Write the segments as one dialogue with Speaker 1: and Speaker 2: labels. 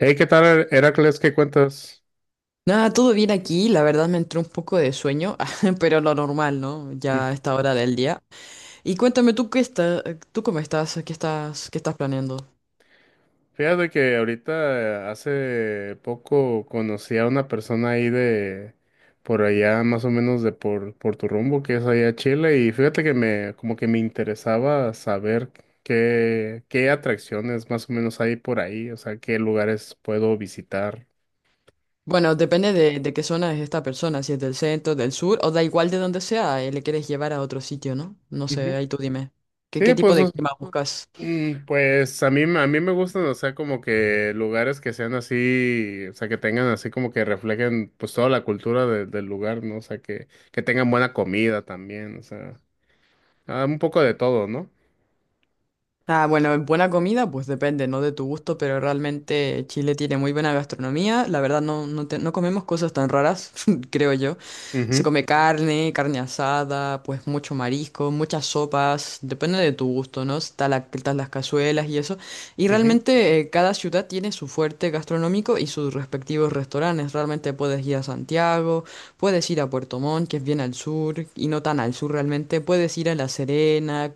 Speaker 1: Hey, ¿qué tal, Heracles? ¿Qué cuentas?
Speaker 2: Nada, todo bien aquí, la verdad me entró un poco de sueño, pero lo normal, ¿no?
Speaker 1: Mm.
Speaker 2: Ya a esta hora del día. Y cuéntame tú cómo estás, qué estás planeando.
Speaker 1: Fíjate que ahorita hace poco conocí a una persona ahí de por allá, más o menos de por tu rumbo, que es allá Chile, y fíjate que me como que me interesaba saber qué atracciones más o menos hay por ahí, o sea, qué lugares puedo visitar.
Speaker 2: Bueno, depende de qué zona es esta persona, si es del centro, del sur, o da igual de donde sea, le quieres llevar a otro sitio, ¿no? No sé,
Speaker 1: Ujú.
Speaker 2: ahí tú dime. ¿Qué
Speaker 1: Sí,
Speaker 2: tipo
Speaker 1: pues,
Speaker 2: de
Speaker 1: o
Speaker 2: clima buscas?
Speaker 1: Pues a mí me gustan, o sea, como que lugares que sean así, o sea, que tengan así como que reflejen pues toda la cultura del lugar, ¿no? O sea, que tengan buena comida también, o sea, ah, un poco de todo, no.
Speaker 2: Ah, bueno, en buena comida, pues depende, ¿no? De tu gusto, pero realmente Chile tiene muy buena gastronomía. La verdad, no, no, no comemos cosas tan raras, creo yo. Se
Speaker 1: Mhm,
Speaker 2: come carne, carne asada, pues mucho marisco, muchas sopas, depende de tu gusto, ¿no? Está la, están las cazuelas y eso. Y
Speaker 1: mhm,
Speaker 2: realmente cada ciudad tiene su fuerte gastronómico y sus respectivos restaurantes. Realmente puedes ir a Santiago, puedes ir a Puerto Montt, que es bien al sur, y no tan al sur realmente. Puedes ir a La Serena.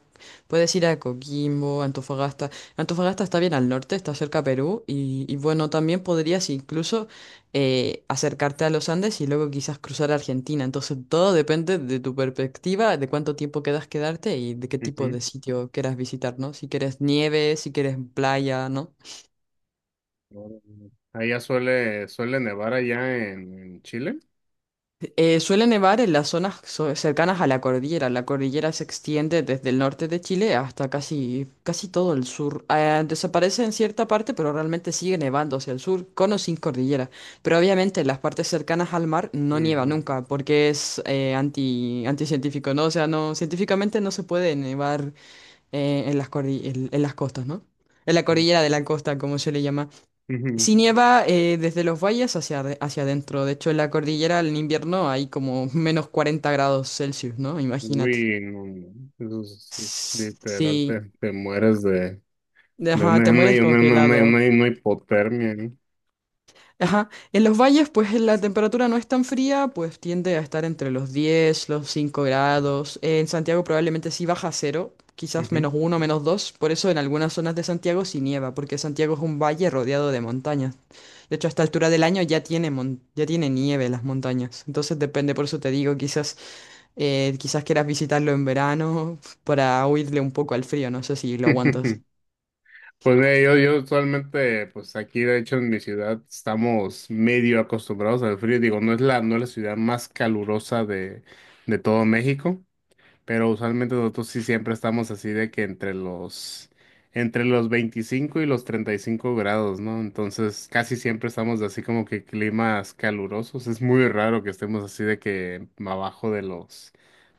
Speaker 2: Puedes ir a Coquimbo, Antofagasta. Antofagasta está bien al norte, está cerca a Perú. Y bueno, también podrías incluso acercarte a los Andes y luego quizás cruzar a Argentina. Entonces todo depende de tu perspectiva, de cuánto tiempo quedas quedarte y de qué tipo de
Speaker 1: mhm.
Speaker 2: sitio quieras visitar, ¿no? Si quieres nieve, si quieres playa, ¿no?
Speaker 1: Allá suele nevar allá en Chile.
Speaker 2: Suele nevar en las zonas cercanas a la cordillera. La cordillera se extiende desde el norte de Chile hasta casi, casi todo el sur. Desaparece en cierta parte, pero realmente sigue nevando hacia el sur, con o sin cordillera. Pero obviamente en las partes cercanas al mar no nieva
Speaker 1: Ujú,
Speaker 2: nunca, porque es anticientífico, ¿no? O sea, no, científicamente no se puede nevar en las en las costas, ¿no? En la cordillera de la costa, como se le llama.
Speaker 1: ujú.
Speaker 2: Sí nieva desde los valles hacia adentro. De hecho, en la cordillera en invierno hay como menos 40 grados Celsius, ¿no? Imagínate.
Speaker 1: Uy, no, no, eso es literal,
Speaker 2: Sí,
Speaker 1: te mueres de, de
Speaker 2: ajá,
Speaker 1: una,
Speaker 2: te
Speaker 1: una,
Speaker 2: mueres
Speaker 1: una, una, una-
Speaker 2: congelado.
Speaker 1: una hipotermia, ¿no?
Speaker 2: Ajá, en los valles pues la temperatura no es tan fría, pues tiende a estar entre los 10, los 5 grados. En Santiago probablemente sí baja a 0, quizás
Speaker 1: Ujú.
Speaker 2: menos 1, menos 2. Por eso en algunas zonas de Santiago sí nieva, porque Santiago es un valle rodeado de montañas. De hecho, a esta altura del año ya tiene, ya tiene nieve las montañas. Entonces depende, por eso te digo, quizás quieras visitarlo en verano para huirle un poco al frío. No sé si lo aguantas.
Speaker 1: Pues mira, yo usualmente, pues aquí de hecho en mi ciudad estamos medio acostumbrados al frío. Digo, no es la ciudad más calurosa de todo México, pero usualmente nosotros sí siempre estamos así de que entre los 25 y los 35 grados, ¿no? Entonces casi siempre estamos de así como que climas calurosos. Es muy raro que estemos así de que abajo de los,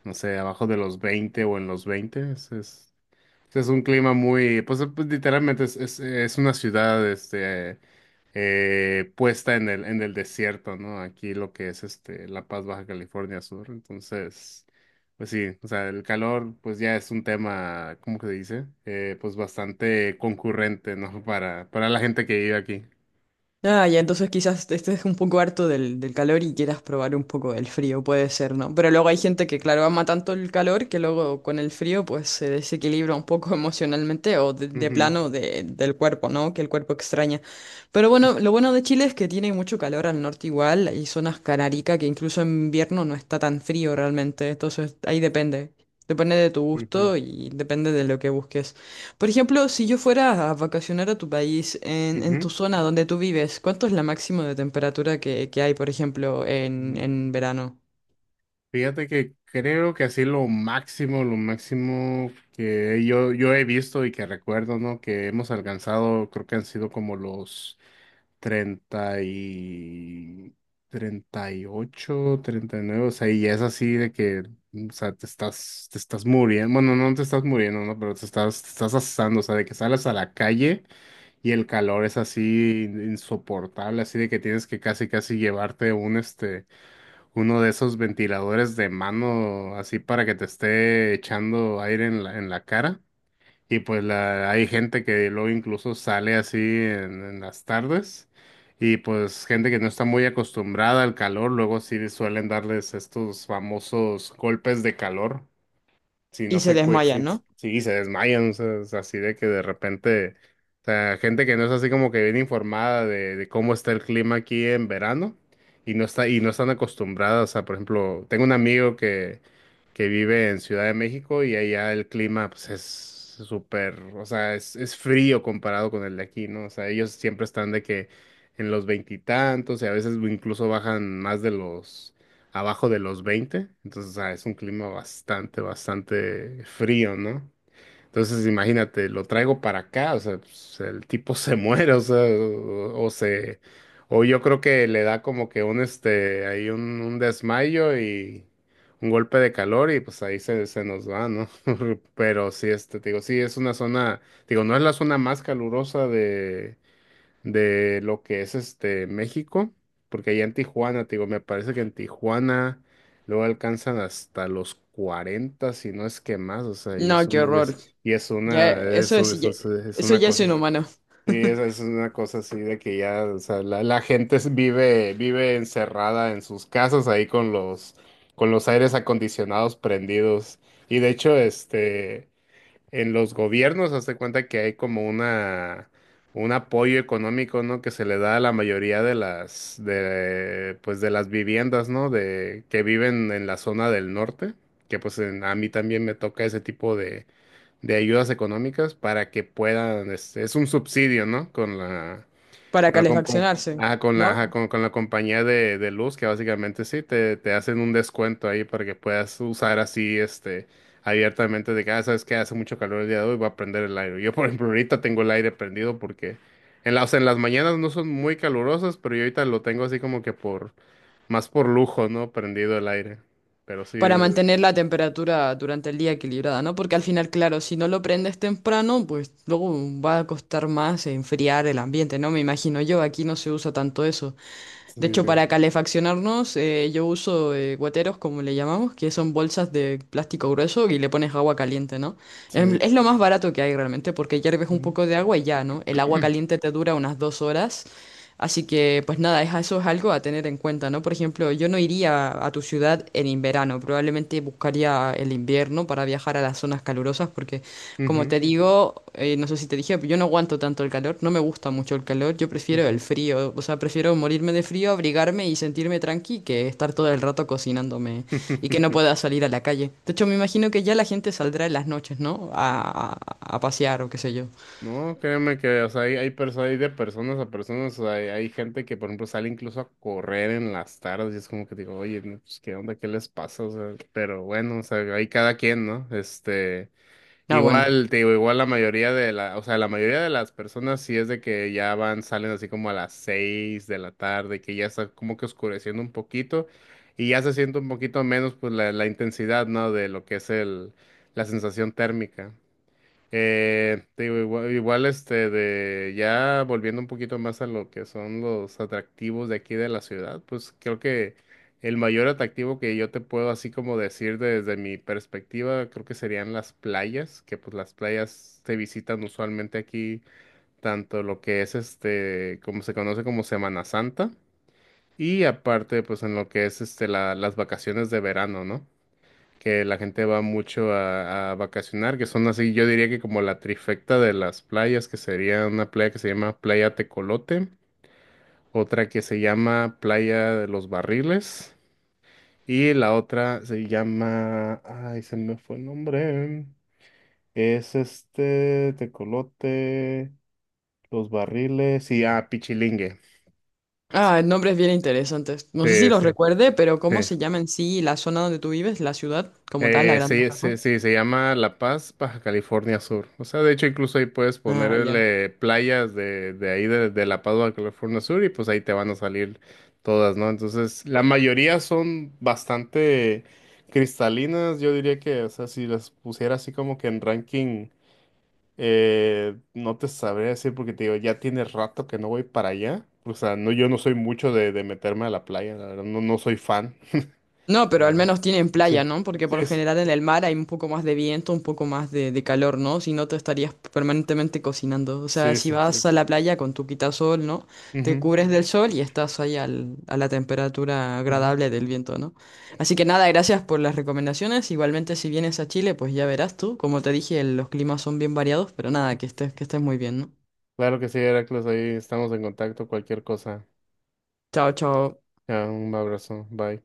Speaker 1: no sé, abajo de los 20 o en los 20. Es un clima muy, pues, literalmente es una ciudad puesta en el desierto, ¿no? Aquí lo que es este, La Paz, Baja California Sur. Entonces, pues sí, o sea, el calor pues ya es un tema, ¿cómo que se dice? Pues bastante concurrente, ¿no? Para la gente que vive aquí.
Speaker 2: Ah, ya, entonces quizás estés un poco harto del calor y quieras probar un poco el frío, puede ser, ¿no? Pero luego hay gente que, claro, ama tanto el calor que luego con el frío pues se desequilibra un poco emocionalmente o de
Speaker 1: Ujú,
Speaker 2: plano del cuerpo, ¿no? Que el cuerpo extraña. Pero bueno, lo bueno de Chile es que tiene mucho calor al norte igual, hay zonas canarica que incluso en invierno no está tan frío realmente, entonces ahí depende. Depende de tu
Speaker 1: ujú,
Speaker 2: gusto y depende de lo que busques. Por ejemplo, si yo fuera a vacacionar a tu país, en tu
Speaker 1: ujú,
Speaker 2: zona donde tú vives, ¿cuánto es la máxima de temperatura que hay, por ejemplo, en,
Speaker 1: ujú.
Speaker 2: en verano?
Speaker 1: Fíjate que creo que así lo máximo que yo he visto y que recuerdo, ¿no? Que hemos alcanzado, creo que han sido como los 30 y treinta treinta y ocho, treinta y nueve. O sea, y es así de que, o sea, te estás muriendo, bueno, no te estás muriendo, ¿no? Pero te estás asando, o sea, de que sales a la calle y el calor es así insoportable, así de que tienes que casi llevarte un, este uno de esos ventiladores de mano así para que te esté echando aire en en la cara. Y pues la, hay gente que luego incluso sale así en las tardes. Y pues gente que no está muy acostumbrada al calor, luego sí suelen darles estos famosos golpes de calor si no
Speaker 2: Y se
Speaker 1: se cue, si,
Speaker 2: desmayan, ¿no?
Speaker 1: si se desmayan, o sea, es así de que de repente, o sea, gente que no es así como que bien informada de cómo está el clima aquí en verano y y no están acostumbradas, o sea, por ejemplo, tengo un amigo que vive en Ciudad de México y allá el clima pues es súper, o sea, es frío comparado con el de aquí, ¿no? O sea, ellos siempre están de que en los veintitantos y a veces incluso bajan más de los abajo de los 20, entonces ah, es un clima bastante, bastante frío, ¿no? Entonces imagínate, lo traigo para acá, o sea, pues, el tipo se muere, o sea, o se, o yo creo que le da como que un desmayo y un golpe de calor y pues ahí se nos va, ¿no? Pero sí, este, te digo, sí, es una zona, digo, no es la zona más calurosa de lo que es este México, porque allá en Tijuana, te digo, me parece que en Tijuana luego alcanzan hasta los 40, si no es que más, o sea, y es
Speaker 2: No, qué
Speaker 1: un-
Speaker 2: horror.
Speaker 1: y es
Speaker 2: Ya,
Speaker 1: una, es,
Speaker 2: eso
Speaker 1: un-
Speaker 2: es,
Speaker 1: es, un- es
Speaker 2: eso
Speaker 1: una
Speaker 2: ya es
Speaker 1: cosa, así.
Speaker 2: inhumano.
Speaker 1: Sí, es una cosa así de que ya, o sea, la gente vive encerrada en sus casas ahí con los aires acondicionados prendidos, y de hecho, este en los gobiernos, hazte cuenta que hay como una un apoyo económico, ¿no? Que se le da a la mayoría de las de pues de las viviendas, ¿no? De que viven en la zona del norte, que pues en- a mí también me toca ese tipo de ayudas económicas para que puedan, este, es un subsidio, ¿no? Con la
Speaker 2: Para
Speaker 1: con la, com- com-
Speaker 2: calefaccionarse,
Speaker 1: ajá,
Speaker 2: ¿no?
Speaker 1: con la compañía de luz, que básicamente sí, te hacen un descuento ahí para que puedas usar así, este, abiertamente de que, ah, sabes que hace mucho calor el día de hoy, voy a prender el aire. Yo, por ejemplo, ahorita tengo el aire prendido porque en en las mañanas no son muy calurosas, pero yo ahorita lo tengo así como que más por lujo, ¿no? Prendido el aire. Pero sí,
Speaker 2: Para mantener la temperatura durante el día equilibrada, ¿no? Porque al final, claro, si no lo prendes temprano, pues luego va a costar más enfriar el ambiente, ¿no? Me imagino yo, aquí no se usa tanto eso.
Speaker 1: sí,
Speaker 2: De hecho,
Speaker 1: sí.
Speaker 2: para calefaccionarnos, yo uso guateros, como le llamamos, que son bolsas de plástico grueso y le pones agua caliente, ¿no?
Speaker 1: Sí.
Speaker 2: Es lo más barato que hay realmente, porque hierves un
Speaker 1: Ujú.
Speaker 2: poco de agua y ya, ¿no? El agua caliente te dura unas 2 horas. Así que, pues nada, eso es algo a tener en cuenta, ¿no? Por ejemplo, yo no iría a tu ciudad en verano, probablemente buscaría el invierno para viajar a las zonas calurosas, porque como
Speaker 1: Ujú,
Speaker 2: te digo, no sé si te dije, pero yo no aguanto tanto el calor, no me gusta mucho el calor, yo prefiero
Speaker 1: ujú.
Speaker 2: el frío, o sea, prefiero morirme de frío, abrigarme y sentirme tranqui que estar todo el rato cocinándome y que no pueda salir a la calle. De hecho, me imagino que ya la gente saldrá en las noches, ¿no? A pasear o qué sé yo.
Speaker 1: No, créeme que, o sea, hay de personas a personas, o sea, hay gente que, por ejemplo, sale incluso a correr en las tardes y es como que digo, oye, no, pues, ¿qué onda? ¿Qué les pasa? O sea, pero bueno, o sea, hay cada quien, ¿no? Este,
Speaker 2: Ah, bueno.
Speaker 1: igual, te digo, igual la mayoría de la, o sea, la mayoría de las personas sí es de que ya van, salen así como a las seis de la tarde, que ya está como que oscureciendo un poquito y ya se siente un poquito menos, pues, la intensidad, ¿no? De lo que es el, la sensación térmica. Te digo, igual, este de ya volviendo un poquito más a lo que son los atractivos de aquí de la ciudad, pues creo que el mayor atractivo que yo te puedo así como decir desde mi perspectiva, creo que serían las playas, que pues las playas se visitan usualmente aquí, tanto lo que es este, como se conoce como Semana Santa, y aparte pues en lo que es este las vacaciones de verano, ¿no? Que la gente va mucho a vacacionar, que son así, yo diría que como la trifecta de las playas, que sería una playa que se llama Playa Tecolote, otra que se llama Playa de los Barriles, y la otra se llama, ay, se me fue el nombre, es este Tecolote, Los Barriles y, ah, Pichilingue.
Speaker 2: Ah, nombres bien interesantes. No sé si
Speaker 1: Sí,
Speaker 2: los
Speaker 1: sí,
Speaker 2: recuerde, pero
Speaker 1: sí.
Speaker 2: ¿cómo se llama en sí la zona donde tú vives, la ciudad como tal, la Gran
Speaker 1: Sí,
Speaker 2: Badajoz?
Speaker 1: sí, sí, se llama La Paz, Baja California Sur. O sea, de hecho, incluso ahí puedes
Speaker 2: Ah, ya.
Speaker 1: ponerle playas de ahí, de La Paz, Baja California Sur, y pues ahí te van a salir todas, ¿no? Entonces, la mayoría son bastante cristalinas. Yo diría que, o sea, si las pusiera así como que en ranking, no te sabría decir porque te digo, ya tiene rato que no voy para allá. O sea, no, yo no soy mucho de meterme a la playa, la verdad, no, no soy fan.
Speaker 2: No, pero al
Speaker 1: Ajá.
Speaker 2: menos tienen playa,
Speaker 1: Sí,
Speaker 2: ¿no? Porque por lo
Speaker 1: sí,
Speaker 2: general en el mar hay un poco más de viento, un poco más de calor, ¿no? Si no, te estarías permanentemente cocinando. O sea,
Speaker 1: sí,
Speaker 2: si
Speaker 1: sí, sí.
Speaker 2: vas
Speaker 1: Sí,
Speaker 2: a la playa con tu quitasol, ¿no? Te
Speaker 1: ujú,
Speaker 2: cubres del sol y estás ahí a la temperatura
Speaker 1: ujú.
Speaker 2: agradable del viento, ¿no? Así que nada, gracias por las recomendaciones. Igualmente, si vienes a Chile, pues ya verás tú. Como te dije, los climas son bien variados, pero nada, que estés muy bien, ¿no?
Speaker 1: Claro que sí, Heracles, ahí estamos en contacto, cualquier cosa.
Speaker 2: Chao, chao.
Speaker 1: Ya, un abrazo, bye.